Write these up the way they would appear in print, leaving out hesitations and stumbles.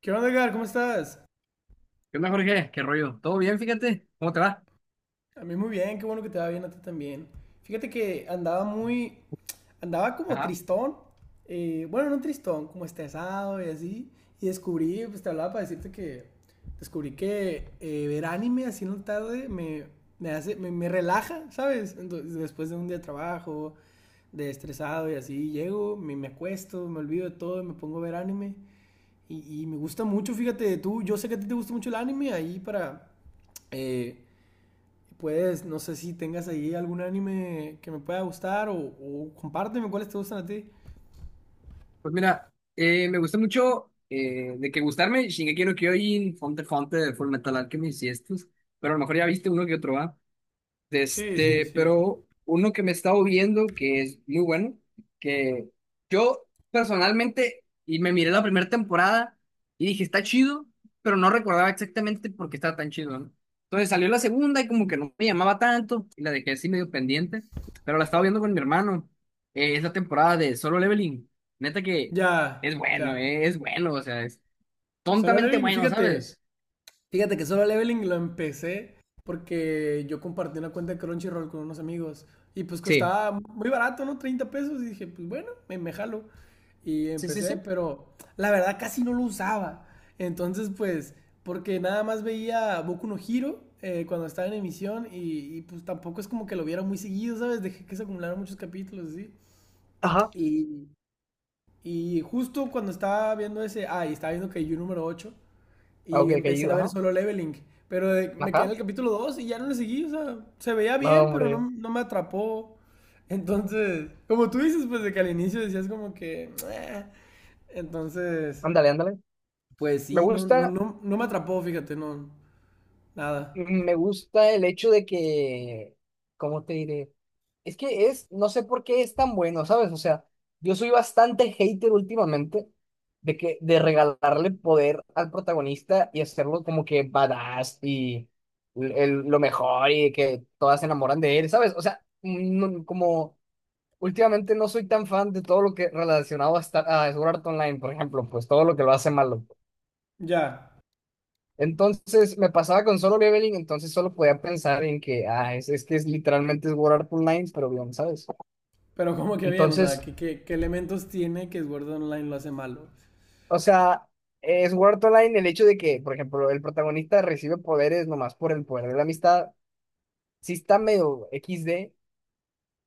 ¿Qué onda, Edgar? ¿Cómo estás? ¿Qué onda, Jorge? ¿Qué rollo? ¿Todo bien? Fíjate. ¿Cómo te va? A mí muy bien, qué bueno que te va bien a ti también. Fíjate que andaba andaba como Ajá. tristón, bueno, no tristón, como estresado y así, y descubrí, pues te hablaba para decirte que descubrí que ver anime así en la tarde me hace, me relaja, ¿sabes? Entonces, después de un día de trabajo, de estresado y así, llego, me acuesto, me olvido de todo y me pongo a ver anime. Y me gusta mucho, fíjate, tú, yo sé que a ti te gusta mucho el anime, eh, pues, no sé si tengas ahí algún anime que me pueda gustar o compárteme cuáles te gustan a ti. Pues mira, me gusta mucho de que gustarme Shingeki no Kyojin, Fonte, Full Metal Alchemist y estos, pero a lo mejor ya viste uno que otro, ¿va? De Sí, sí, este, sí. pero uno que me he estado viendo que es muy bueno, que yo personalmente, y me miré la primera temporada y dije, está chido, pero no recordaba exactamente por qué estaba tan chido, ¿no? Entonces salió la segunda y como que no me llamaba tanto y la dejé así medio pendiente, pero la estaba viendo con mi hermano. Es la temporada de Solo Leveling. Neta que Ya, ya. Es bueno, o sea, es Solo tontamente Levin, y bueno, fíjate, ¿sabes? Fíjate que solo leveling lo empecé porque yo compartí una cuenta de Crunchyroll con unos amigos y pues Sí, costaba muy barato, ¿no? 30 pesos y dije, pues bueno, me jalo. Y sí, sí, empecé, sí. pero la verdad casi no lo usaba. Entonces pues, porque nada más veía Boku no Hero cuando estaba en emisión y, pues tampoco es como que lo viera muy seguido, ¿sabes? Dejé que se acumularan muchos capítulos, así. Ajá. Y, y justo cuando estaba viendo ese, ah, y estaba viendo que yo número 8. Ah, Y ok, que empecé yo, a ver ajá. solo Leveling. Pero me quedé en Ajá. el capítulo 2 y ya no le seguí. O sea, se veía No, bien, pero no, hombre. no me atrapó. Entonces, como tú dices, pues de que al inicio decías como que... "Meh". Entonces, Ándale, ándale. pues Me sí, no, no, gusta, no, no me atrapó, fíjate, no, nada. Me gusta el hecho de que, ¿cómo te diré? Es que es, no sé por qué es tan bueno, ¿sabes? O sea, yo soy bastante hater últimamente de que, de regalarle poder al protagonista y hacerlo como que badass y lo mejor y que todas se enamoran de él, ¿sabes? O sea, no, como últimamente no soy tan fan de todo lo que relacionado a, estar, a Sword Art Online, por ejemplo, pues todo lo que lo hace malo. Ya, Entonces me pasaba con Solo Leveling, entonces solo podía pensar en que, ah, es que es literalmente es Sword Art Online, pero bien, ¿sabes? pero como que bien, o sea, Entonces, ¿qué elementos tiene que Sword Art Online lo hace malo? o sea, es Sword Art Online el hecho de que, por ejemplo, el protagonista recibe poderes nomás por el poder de la amistad, sí está medio XD,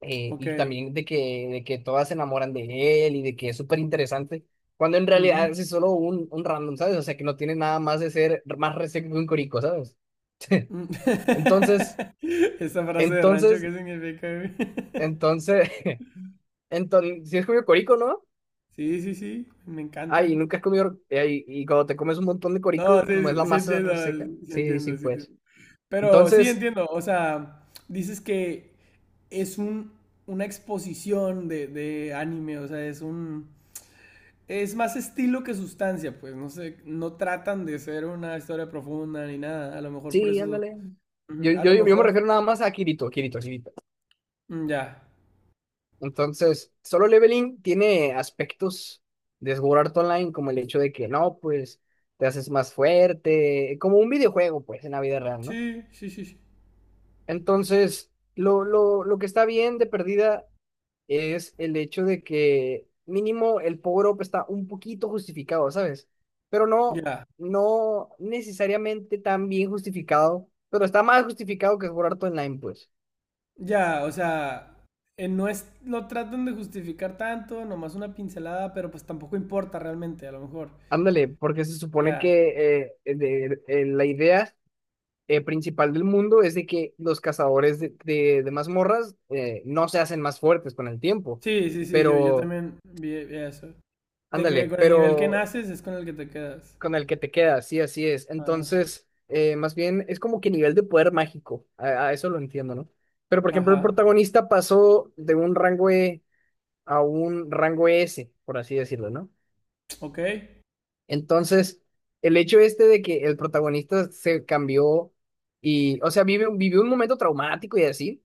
Ok. y también de que todas se enamoran de él y de que es súper interesante, cuando en Ujú. realidad es solo un random, ¿sabes? O sea, que no tiene nada más de ser más reseco que un corico, ¿sabes? Mm. Entonces, Esa frase de rancho, entonces, ¿qué significa, güey? entonces... Entonces, si has comido corico, ¿no? Sí, sí, sí, me Ay, encantan. nunca has comido. Ay, y cuando te comes un montón de No, corico, como es la sí, sí masa entiendo, reseca. sí Sí, sí, entiendo, sí entiendo. pues. Pero sí Entonces, entiendo, o sea, dices que es un, una exposición de anime, o sea, es un... Es más estilo que sustancia, pues, no sé, no tratan de ser una historia profunda ni nada, a lo mejor por sí, eso... ándale. Ujú, Yo, a yo, lo yo me mejor... refiero nada más a Kirito, Kirito, Kirito. Mm, ya. Entonces, Solo Leveling tiene aspectos de Sword Art Online, como el hecho de que no, pues te haces más fuerte, como un videojuego, pues, en la vida real, ¿no? Sí, sí, sí, sí. Entonces, lo que está bien de perdida es el hecho de que mínimo el power up está un poquito justificado, ¿sabes? Pero no, Ya. no necesariamente tan bien justificado, pero está más justificado que jugar todo online, pues. Ya, o sea, no es... Lo tratan de justificar tanto, nomás una pincelada, pero pues tampoco importa realmente, a lo mejor. Ándale, porque se supone Ya. que la idea principal del mundo es de que los cazadores de mazmorras no se hacen más fuertes con el tiempo, Sí, sí, sí, yo pero, también vi eso. De que ándale, con el nivel que pero... naces es con el que te quedas. Con el que te quedas, sí, así es. Ajá. Entonces, más bien es como que nivel de poder mágico, a eso lo entiendo, ¿no? Pero, por ejemplo, Ajá. el protagonista pasó de un rango E a un rango S, por así decirlo, ¿no? Ok. Entonces, el hecho este de que el protagonista se cambió y, o sea, vivió un momento traumático y así.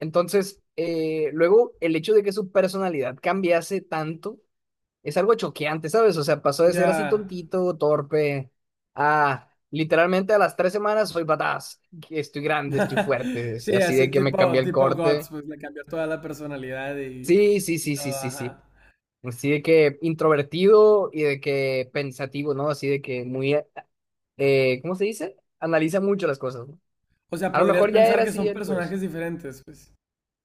Entonces, luego el hecho de que su personalidad cambiase tanto es algo choqueante, ¿sabes? O sea, pasó de ser así Ya. tontito, torpe, a literalmente a las tres semanas soy badass, que estoy grande, estoy fuerte, es Sí, así así de que me cambié tipo, el tipo Guts, corte. pues le cambió toda la personalidad y, Sí, sí, y sí, sí, todo, sí, sí. ajá. Así de que introvertido y de que pensativo, ¿no? Así de que muy, ¿cómo se dice? Analiza mucho las cosas, ¿no? O sea, A lo podrías mejor ya pensar era que así son él, pues. personajes diferentes, pues.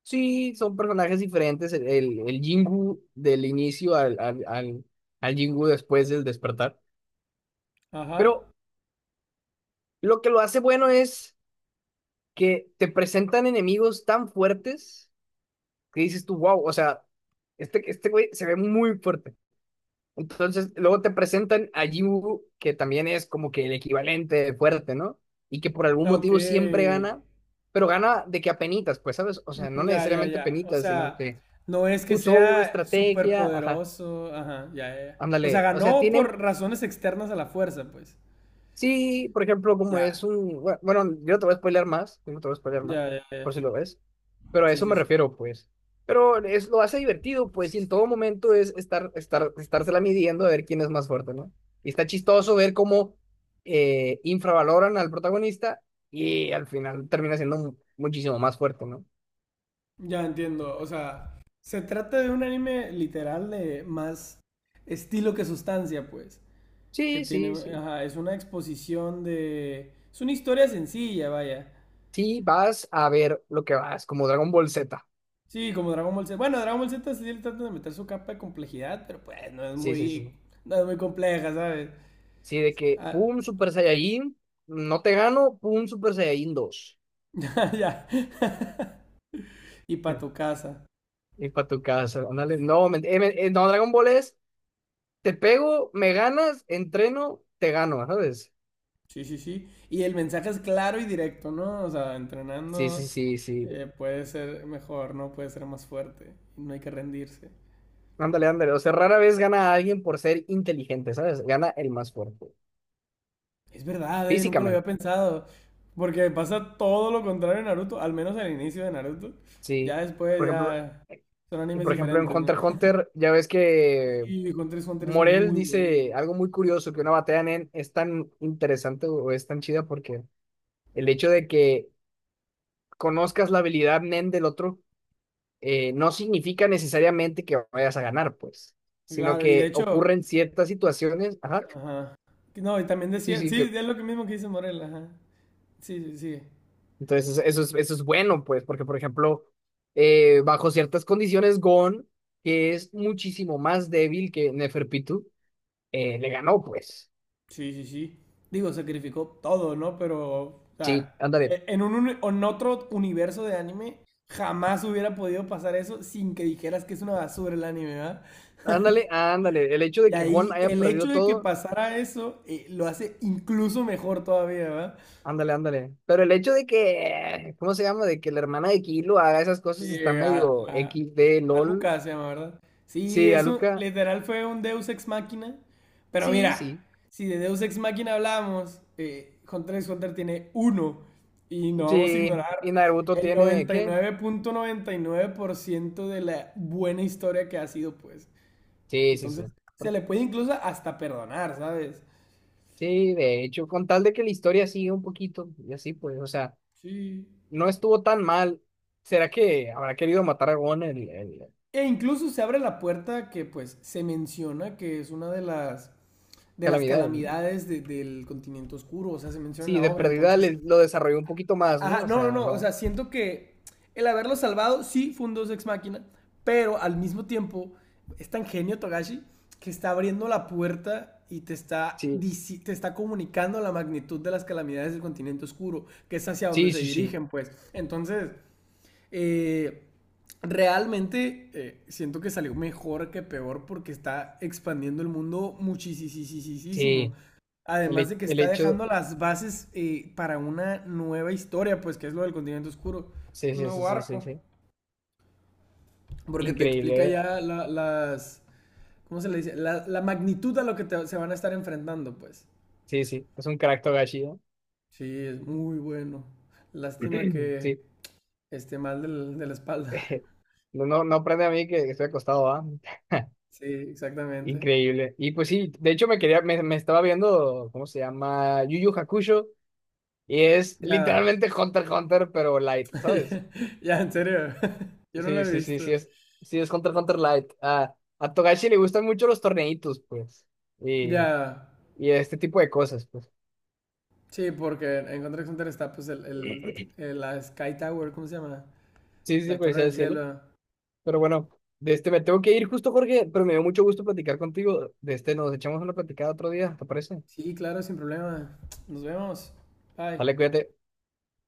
Sí, son personajes diferentes. El Jingu del inicio al Jingu después del despertar. Pero Ajá. lo que lo hace bueno es que te presentan enemigos tan fuertes que dices tú, wow, o sea, este güey se ve muy fuerte. Entonces, luego te presentan a Yu, que también es como que el equivalente de fuerte, ¿no? Y que por algún Ok. motivo siempre gana, pero gana de que a penitas, pues, ¿sabes? O sea, no Mm, ya, ya, necesariamente ya. O penitas, sino sea, que no es que usó una sea súper estrategia, ajá, poderoso. Ajá, ya, ya, ya. O sea, ándale. O sea, ganó tiene. por razones externas a la fuerza, pues. Sí, por ejemplo, como es Ya. un... Bueno, yo no te voy a spoilear más, yo no te voy a spoilear más, Ya, ya, ya. por si lo ves, pero a Sí, eso sí, me sí. refiero, pues. Pero es, lo hace divertido, pues, y en todo momento es estársela midiendo a ver quién es más fuerte, ¿no? Y está chistoso ver cómo infravaloran al protagonista y al final termina siendo muchísimo más fuerte, ¿no? Ya entiendo, o sea, se trata de un anime literal de más estilo que sustancia, pues, que Sí, tiene, sí, sí. ajá, es una exposición de, es una historia sencilla, vaya. Sí, vas a ver lo que vas, como Dragon Ball Z. Sí, como Dragon Ball Z. Bueno, Dragon Ball Z sí le trata de meter su capa de complejidad, pero pues no es Sí, sí, sí. muy, no es muy compleja, ¿sabes? Sí, de que, Ah, pum, Super Saiyajin, no te gano, pum, Super Saiyajin dos. ya, ya. Y para tu casa. Y para tu casa, ándale. No, no, Dragon Ball es, te pego, me ganas, entreno, te gano, ¿sabes? Sí, sí, sí. Y el mensaje es claro y directo, ¿no? O sea, Sí, sí, entrenando sí, sí. puede ser mejor, ¿no? Puede ser más fuerte. No hay que rendirse. Ándale, ándale. O sea, rara vez gana a alguien por ser inteligente, ¿sabes? Gana el más fuerte, Es verdad, ¿eh? Nunca lo había físicamente, pensado. Porque pasa todo lo contrario en Naruto, al menos al inicio de Naruto. Ya sí. después Por ejemplo, ya son y animes por ejemplo en diferentes, ¿no? Hunter x Hunter, ya ves que Y Hunter x Hunter es Morel muy dice bueno. algo muy curioso, que una batalla en es tan interesante o es tan chida porque el hecho de que conozcas la habilidad NEN del otro no significa necesariamente que vayas a ganar, pues, sino Claro, y de que hecho, ocurren ciertas situaciones. Ajá, ajá. No, y también sí, decía, sí, que... sí, es lo que mismo que dice Morel, ajá. Sí, sí, sigue. Entonces eso es bueno, pues, porque, por ejemplo, bajo ciertas condiciones, Gon, que es muchísimo más débil que Neferpitu, le ganó, pues. Sí, sí, sí. Digo, sacrificó todo, ¿no? Pero, o Sí, sea, ándale, en otro universo de anime, jamás hubiera podido pasar eso sin que dijeras que es una basura el anime, ¿verdad? ándale, ándale. El hecho Y de que Gon ahí haya el hecho perdido de que todo. pasara eso lo hace incluso mejor todavía, ¿verdad? Ándale, ándale. Pero el hecho de que, ¿cómo se llama? De que la hermana de Kilo haga esas Sí, cosas está a- medio a- equis de A LOL. Lucas se llama, ¿verdad? Sí, Sí, eso Aluka. literal fue un Deus Ex Machina. Pero Sí, mira, sí. si de Deus Ex Machina hablamos, Hunter x Hunter tiene uno. Y no vamos a Sí, ignorar y Naruto el tiene, ¿qué? 99.99% de la buena historia que ha sido, pues. Sí, sí, sí. Entonces, se Por... le puede incluso hasta perdonar, ¿sabes? Sí, de hecho, con tal de que la historia siga un poquito y así, pues, o sea, Sí. no estuvo tan mal. ¿Será que habrá querido matar a Gon el E incluso se abre la puerta que, pues, se menciona que es una de las, calamidad, ¿no? calamidades del continente oscuro. O sea, se menciona en Sí, la de obra. perdida Entonces, lo desarrolló un poquito más, ¿no? ajá, O no, no, sea, no. O sea, no. siento que el haberlo salvado sí fue un dos ex máquina, pero al mismo tiempo es tan genio Togashi que está abriendo la puerta y te está, Sí, te está comunicando la magnitud de las calamidades del continente oscuro, que es hacia donde sí, se sí, sí. dirigen, pues. Entonces, eh, realmente siento que salió mejor que peor porque está expandiendo el mundo muchísimo. Sí, el, Además de que el está hecho de... dejando las bases para una nueva historia, pues que es lo del continente oscuro. Sí, Un sí, sí, nuevo sí, sí, arco. sí. Porque te explica Increíble, ¿eh? ya ¿Cómo se le dice? La magnitud a lo que se van a estar enfrentando, pues. Sí, sí, es un crack Togashi, ¿no? Sí, es muy bueno. Lástima que Sí. esté mal de la espalda. No, no, no aprende a mí que estoy acostado, ¿ah? Sí, exactamente. Increíble. Y pues sí, de hecho me quería, me estaba viendo, ¿cómo se llama? Yu Yu Hakusho, y es Ya, literalmente Hunter x Hunter, pero light, ¿sabes? ya, en serio. Yo no lo Sí, he sí, sí, visto. Sí es Hunter x Hunter light. A Togashi le gustan mucho los torneitos, pues, y, Ya, y este tipo de cosas, pues. sí, porque en Contra Hunter está pues el, la Sky Tower, ¿cómo se llama? Sí, sí, La Torre policía del del cielo. Cielo. Pero bueno, de este me tengo que ir justo, Jorge, pero me dio mucho gusto platicar contigo. De este nos echamos una platicada otro día, ¿te parece? Sí, claro, sin problema. Nos vemos. Bye. Dale, cuídate.